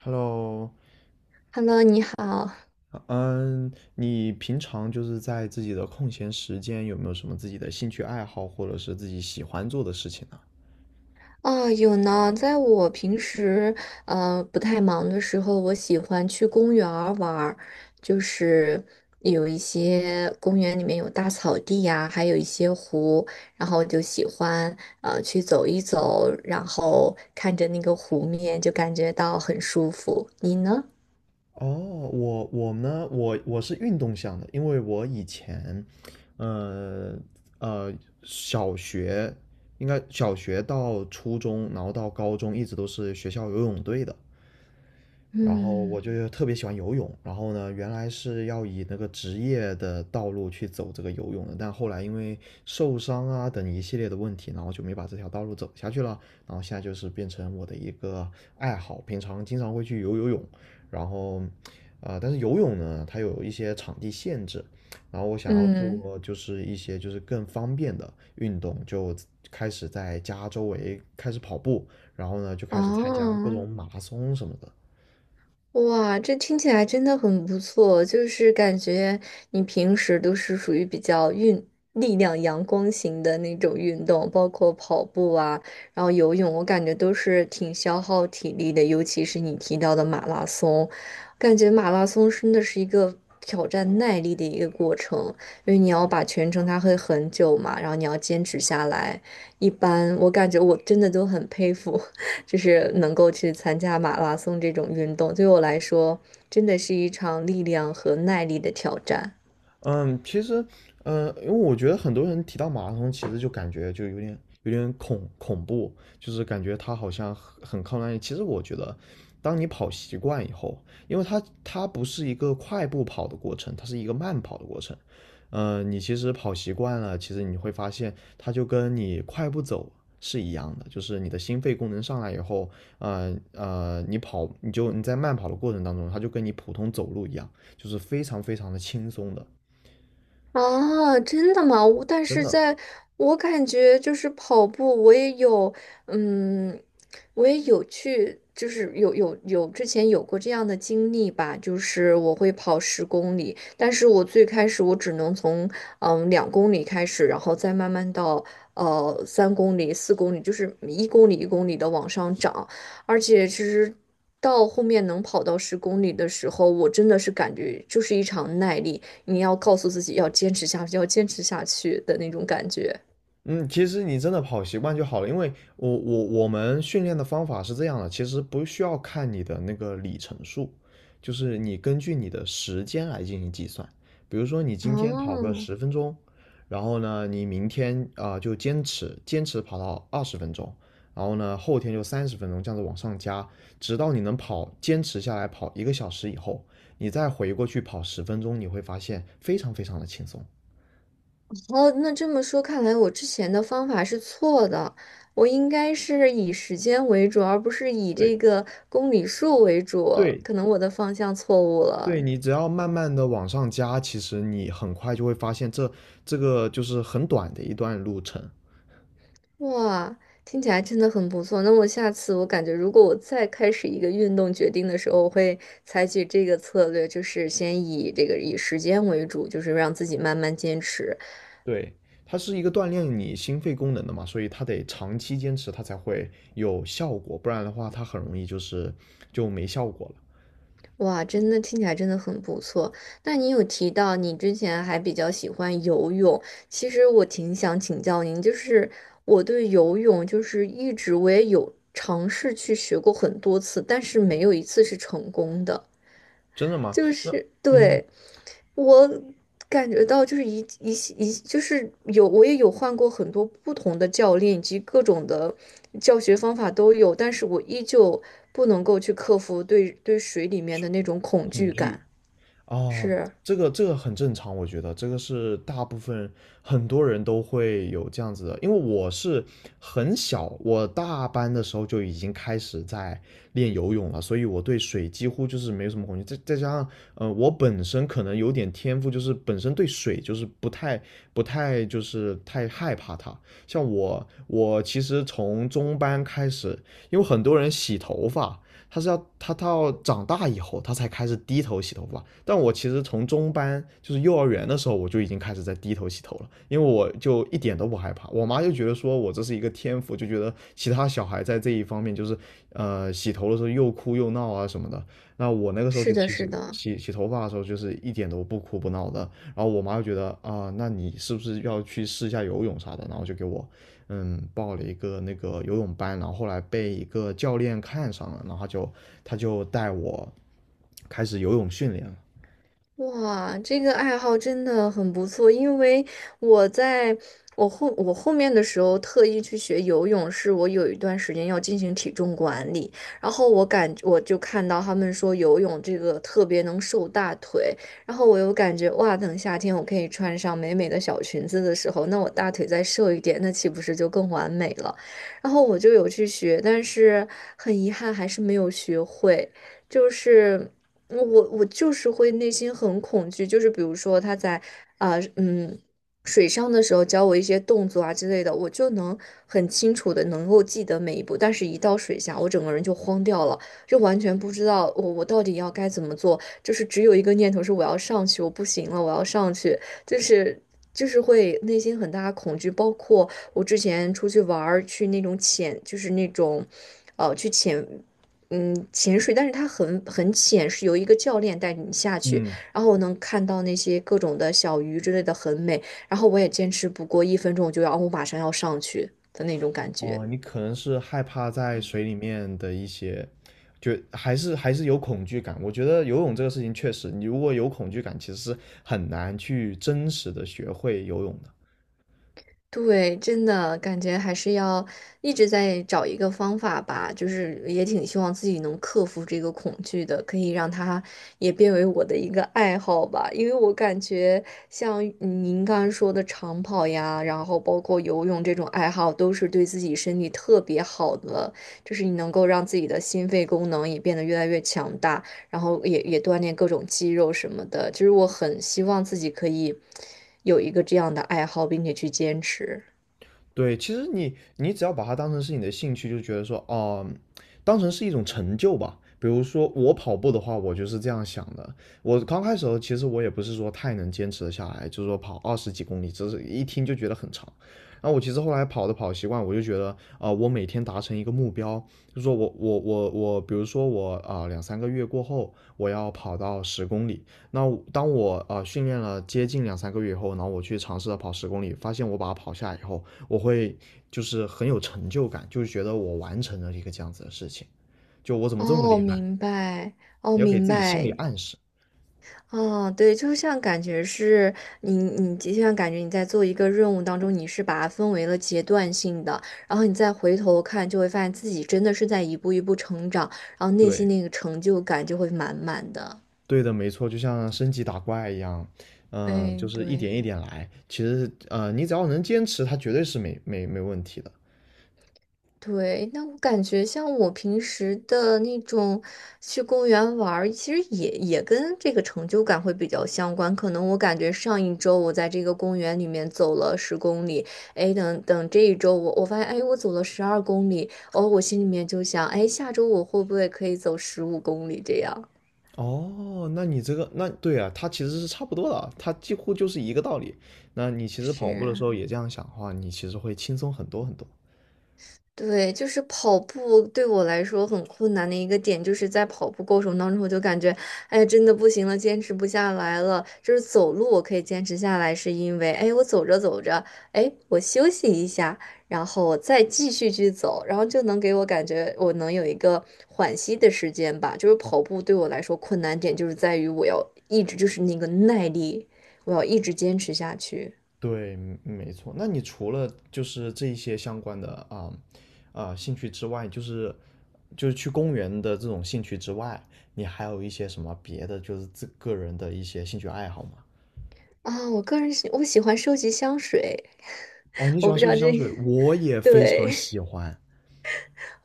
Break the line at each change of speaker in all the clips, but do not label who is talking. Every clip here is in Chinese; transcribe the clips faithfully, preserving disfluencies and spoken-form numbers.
Hello，
Hello，你好。
嗯，你平常就是在自己的空闲时间有没有什么自己的兴趣爱好，或者是自己喜欢做的事情呢？
啊，有呢，在我平时呃不太忙的时候，我喜欢去公园儿玩儿。就是有一些公园里面有大草地呀、还有一些湖，然后我就喜欢呃去走一走，然后看着那个湖面，就感觉到很舒服。你呢？
哦，我我呢，我我是运动向的，因为我以前，呃呃，小学应该小学到初中，然后到高中一直都是学校游泳队的。然后
嗯。
我就特别喜欢游泳，然后呢，原来是要以那个职业的道路去走这个游泳的，但后来因为受伤啊等一系列的问题，然后就没把这条道路走下去了。然后现在就是变成我的一个爱好，平常经常会去游游泳，然后，呃，但是游泳呢，它有一些场地限制，然后我想要
嗯。
做就是一些就是更方便的运动，就开始在家周围开始跑步，然后呢就开始参加各
哦。
种马拉松什么的。
哇，这听起来真的很不错，就是感觉你平时都是属于比较运力量阳光型的那种运动，包括跑步啊，然后游泳，我感觉都是挺消耗体力的，尤其是你提到的马拉松，感觉马拉松真的是一个挑战耐力的一个过程，因为你要把全程它会很久嘛，然后你要坚持下来，一般我感觉我真的都很佩服。就是能够去参加马拉松这种运动，对我来说真的是一场力量和耐力的挑战。
嗯，其实，嗯，因为我觉得很多人提到马拉松，其实就感觉就有点有点恐恐怖，就是感觉它好像很很靠耐力。其实我觉得，当你跑习惯以后，因为它它不是一个快步跑的过程，它是一个慢跑的过程。嗯，你其实跑习惯了，其实你会发现，它就跟你快步走是一样的，就是你的心肺功能上来以后，呃呃，你跑你就你在慢跑的过程当中，它就跟你普通走路一样，就是非常非常的轻松的。
啊，真的吗？我但
真
是
的。
在我感觉就是跑步，我也有，嗯，我也有去，就是有有有之前有过这样的经历吧，就是我会跑十公里，但是我最开始我只能从嗯两公里开始，然后再慢慢到呃三公里、四公里，就是一公里一公里的往上涨，而且其实。到后面能跑到十公里的时候，我真的是感觉就是一场耐力。你要告诉自己要坚持下去，要坚持下去的那种感觉。
嗯，其实你真的跑习惯就好了，因为我我我们训练的方法是这样的，其实不需要看你的那个里程数，就是你根据你的时间来进行计算。比如说你今天跑个
哦。
十分钟，然后呢，你明天啊、呃就坚持坚持跑到二十分钟，然后呢后天就三十分钟，这样子往上加，直到你能跑坚持下来跑一个小时以后，你再回过去跑十分钟，你会发现非常非常的轻松。
哦，那这么说，看来我之前的方法是错的，我应该是以时间为主，而不是以
对
这个公里数为主，
对，
可能我的方向错误
对，
了。
你只要慢慢的往上加，其实你很快就会发现这这个就是很短的一段路程。
哇，听起来真的很不错。那我下次我感觉，如果我再开始一个运动决定的时候，我会采取这个策略，就是先以这个以时间为主，就是让自己慢慢坚持。
对，它是一个锻炼你心肺功能的嘛，所以它得长期坚持，它才会有效果，不然的话它很容易就是就没效果了。
哇，真的听起来真的很不错。那你有提到你之前还比较喜欢游泳，其实我挺想请教您，就是我对游泳就是一直我也有尝试去学过很多次，但是没有一次是成功的。
真的吗？
就
那
是
嗯，
对我感觉到，就是一一系一系，就是有我也有换过很多不同的教练，以及各种的教学方法都有，但是我依旧不能够去克服对对水里面的那种恐
恐
惧
惧。
感。
啊，
是。
这个这个很正常，我觉得这个是大部分很多人都会有这样子的，因为我是很小，我大班的时候就已经开始在练游泳了，所以我对水几乎就是没有什么恐惧。再再加上，呃，我本身可能有点天赋，就是本身对水就是不太不太就是太害怕它。像我，我其实从中班开始，因为很多人洗头发，他是要他到长大以后，他才开始低头洗头发。但我其实从中班，就是幼儿园的时候，我就已经开始在低头洗头了，因为我就一点都不害怕。我妈就觉得说我这是一个天赋，就觉得其他小孩在这一方面就是，呃，洗头的时候又哭又闹啊什么的。那我那个时候
是
就
的，
其
是
实
的。
洗洗头发的时候，就是一点都不哭不闹的。然后我妈就觉得啊、呃那你是不是要去试一下游泳啥的？然后就给我嗯，报了一个那个游泳班，然后后来被一个教练看上了，然后就他就带我开始游泳训练了。
哇，这个爱好真的很不错，因为我在我后我后面的时候特意去学游泳，是我有一段时间要进行体重管理，然后我感我就看到他们说游泳这个特别能瘦大腿，然后我又感觉哇，等夏天我可以穿上美美的小裙子的时候，那我大腿再瘦一点，那岂不是就更完美了？然后我就有去学，但是很遗憾还是没有学会，就是。我我就是会内心很恐惧，就是比如说他在啊、嗯水上的时候教我一些动作啊之类的，我就能很清楚的能够记得每一步，但是一到水下，我整个人就慌掉了，就完全不知道我我到底要该怎么做，就是只有一个念头是我要上去，我不行了，我要上去，就是就是会内心很大的恐惧，包括我之前出去玩儿去那种潜，就是那种。呃，去潜嗯，潜水，但是它很很浅，是由一个教练带你下去，
嗯，
然后我能看到那些各种的小鱼之类的，很美。然后我也坚持不过一分钟，我就要，哦我马上要上去的那种感觉。
哦，你可能是害怕在水里面的一些，就还是还是有恐惧感。我觉得游泳这个事情确实，你如果有恐惧感，其实是很难去真实的学会游泳的。
对，真的感觉还是要一直在找一个方法吧，就是也挺希望自己能克服这个恐惧的，可以让它也变为我的一个爱好吧。因为我感觉像您刚刚说的长跑呀，然后包括游泳这种爱好，都是对自己身体特别好的，就是你能够让自己的心肺功能也变得越来越强大。然后也也锻炼各种肌肉什么的。就是我很希望自己可以有一个这样的爱好，并且去坚持。
对，其实你你只要把它当成是你的兴趣，就觉得说，哦、当成是一种成就吧。比如说我跑步的话，我就是这样想的。我刚开始的时候，其实我也不是说太能坚持得下来，就是说跑二十几公里，只是一听就觉得很长。然后我其实后来跑的跑习惯，我就觉得，啊、我每天达成一个目标，就是说我我我我，比如说我啊、两三个月过后，我要跑到十公里。那我当我啊、训练了接近两三个月以后，然后我去尝试着跑十公里，发现我把它跑下来以后，我会就是很有成就感，就是觉得我完成了一个这样子的事情，就我怎么这么
哦，
厉害？
明白。哦，
你要给
明
自己心理
白。
暗示。
哦，对，就像感觉是你，你就像感觉你在做一个任务当中，你是把它分为了阶段性的，然后你再回头看，就会发现自己真的是在一步一步成长，然后内心
对，
那个成就感就会满满的。
对的，没错，就像升级打怪一样，嗯、就
哎，
是一
对。
点一点来。其实，呃，你只要能坚持，它绝对是没没没问题的。
对，那我感觉像我平时的那种去公园玩儿其实也也跟这个成就感会比较相关。可能我感觉上一周我在这个公园里面走了十公里，哎，等等这一周我我发现，哎，我走了十二公里，哦，我心里面就想，哎，下周我会不会可以走十五公里这样？
哦，那你这个，那对啊，它其实是差不多的啊，它几乎就是一个道理。那你其实跑步的时
是。
候也这样想的话，你其实会轻松很多很多。
对，就是跑步对我来说很困难的一个点，就是在跑步过程当中，我就感觉，哎，真的不行了，坚持不下来了。就是走路我可以坚持下来，是因为，哎，我走着走着，哎，我休息一下，然后我再继续去走，然后就能给我感觉我能有一个缓息的时间吧。就是跑步对我来说困难点，就是在于我要一直就是那个耐力，我要一直坚持下去。
对，嗯没错。那你除了就是这一些相关的啊啊、兴趣之外，就是就是去公园的这种兴趣之外，你还有一些什么别的就是自个人的一些兴趣爱好吗？
啊，我个人喜我喜欢收集香水，
哦，你喜
我
欢
不知
收
道
集
这
香水，我也非
对，
常喜欢。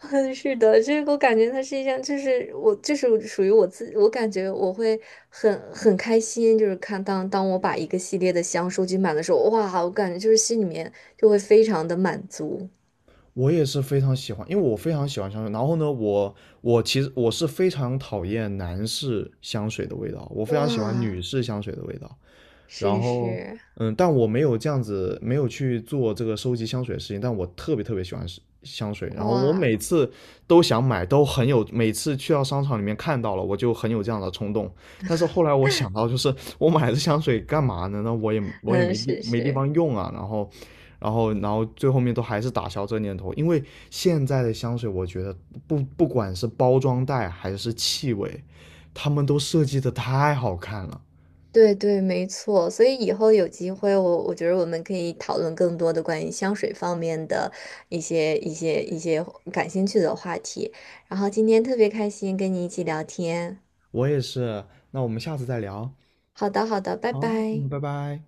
是的，这个我感觉它是一项，就是我，就是属于我自，我感觉我会很很开心，就是看当当我把一个系列的箱收集满的时候，哇，我感觉就是心里面就会非常的满足，
我也是非常喜欢，因为我非常喜欢香水。然后呢，我我其实我是非常讨厌男士香水的味道，我非常喜欢
哇，
女士香水的味道。然
是
后，
是。
嗯，但我没有这样子，没有去做这个收集香水的事情，但我特别特别喜欢是香水。然后我
哇。
每次都想买，都很有，每次去到商场里面看到了，我就很有这样的冲动。但是后来我想到，就是我买的香水干嘛呢？那我也我也
嗯，
没地
是
没地
是。
方用啊，然后然后然后最后面都还是打消这念头，因为现在的香水，我觉得不不管是包装袋还是气味，他们都设计的太好看了。
对对，没错。所以以后有机会我，我觉得我们可以讨论更多的关于香水方面的一些、一些、一些感兴趣的话题。然后今天特别开心跟你一起聊天。
我也是，那我们下次再聊。
好的，好的，拜
好，
拜。
嗯，拜拜。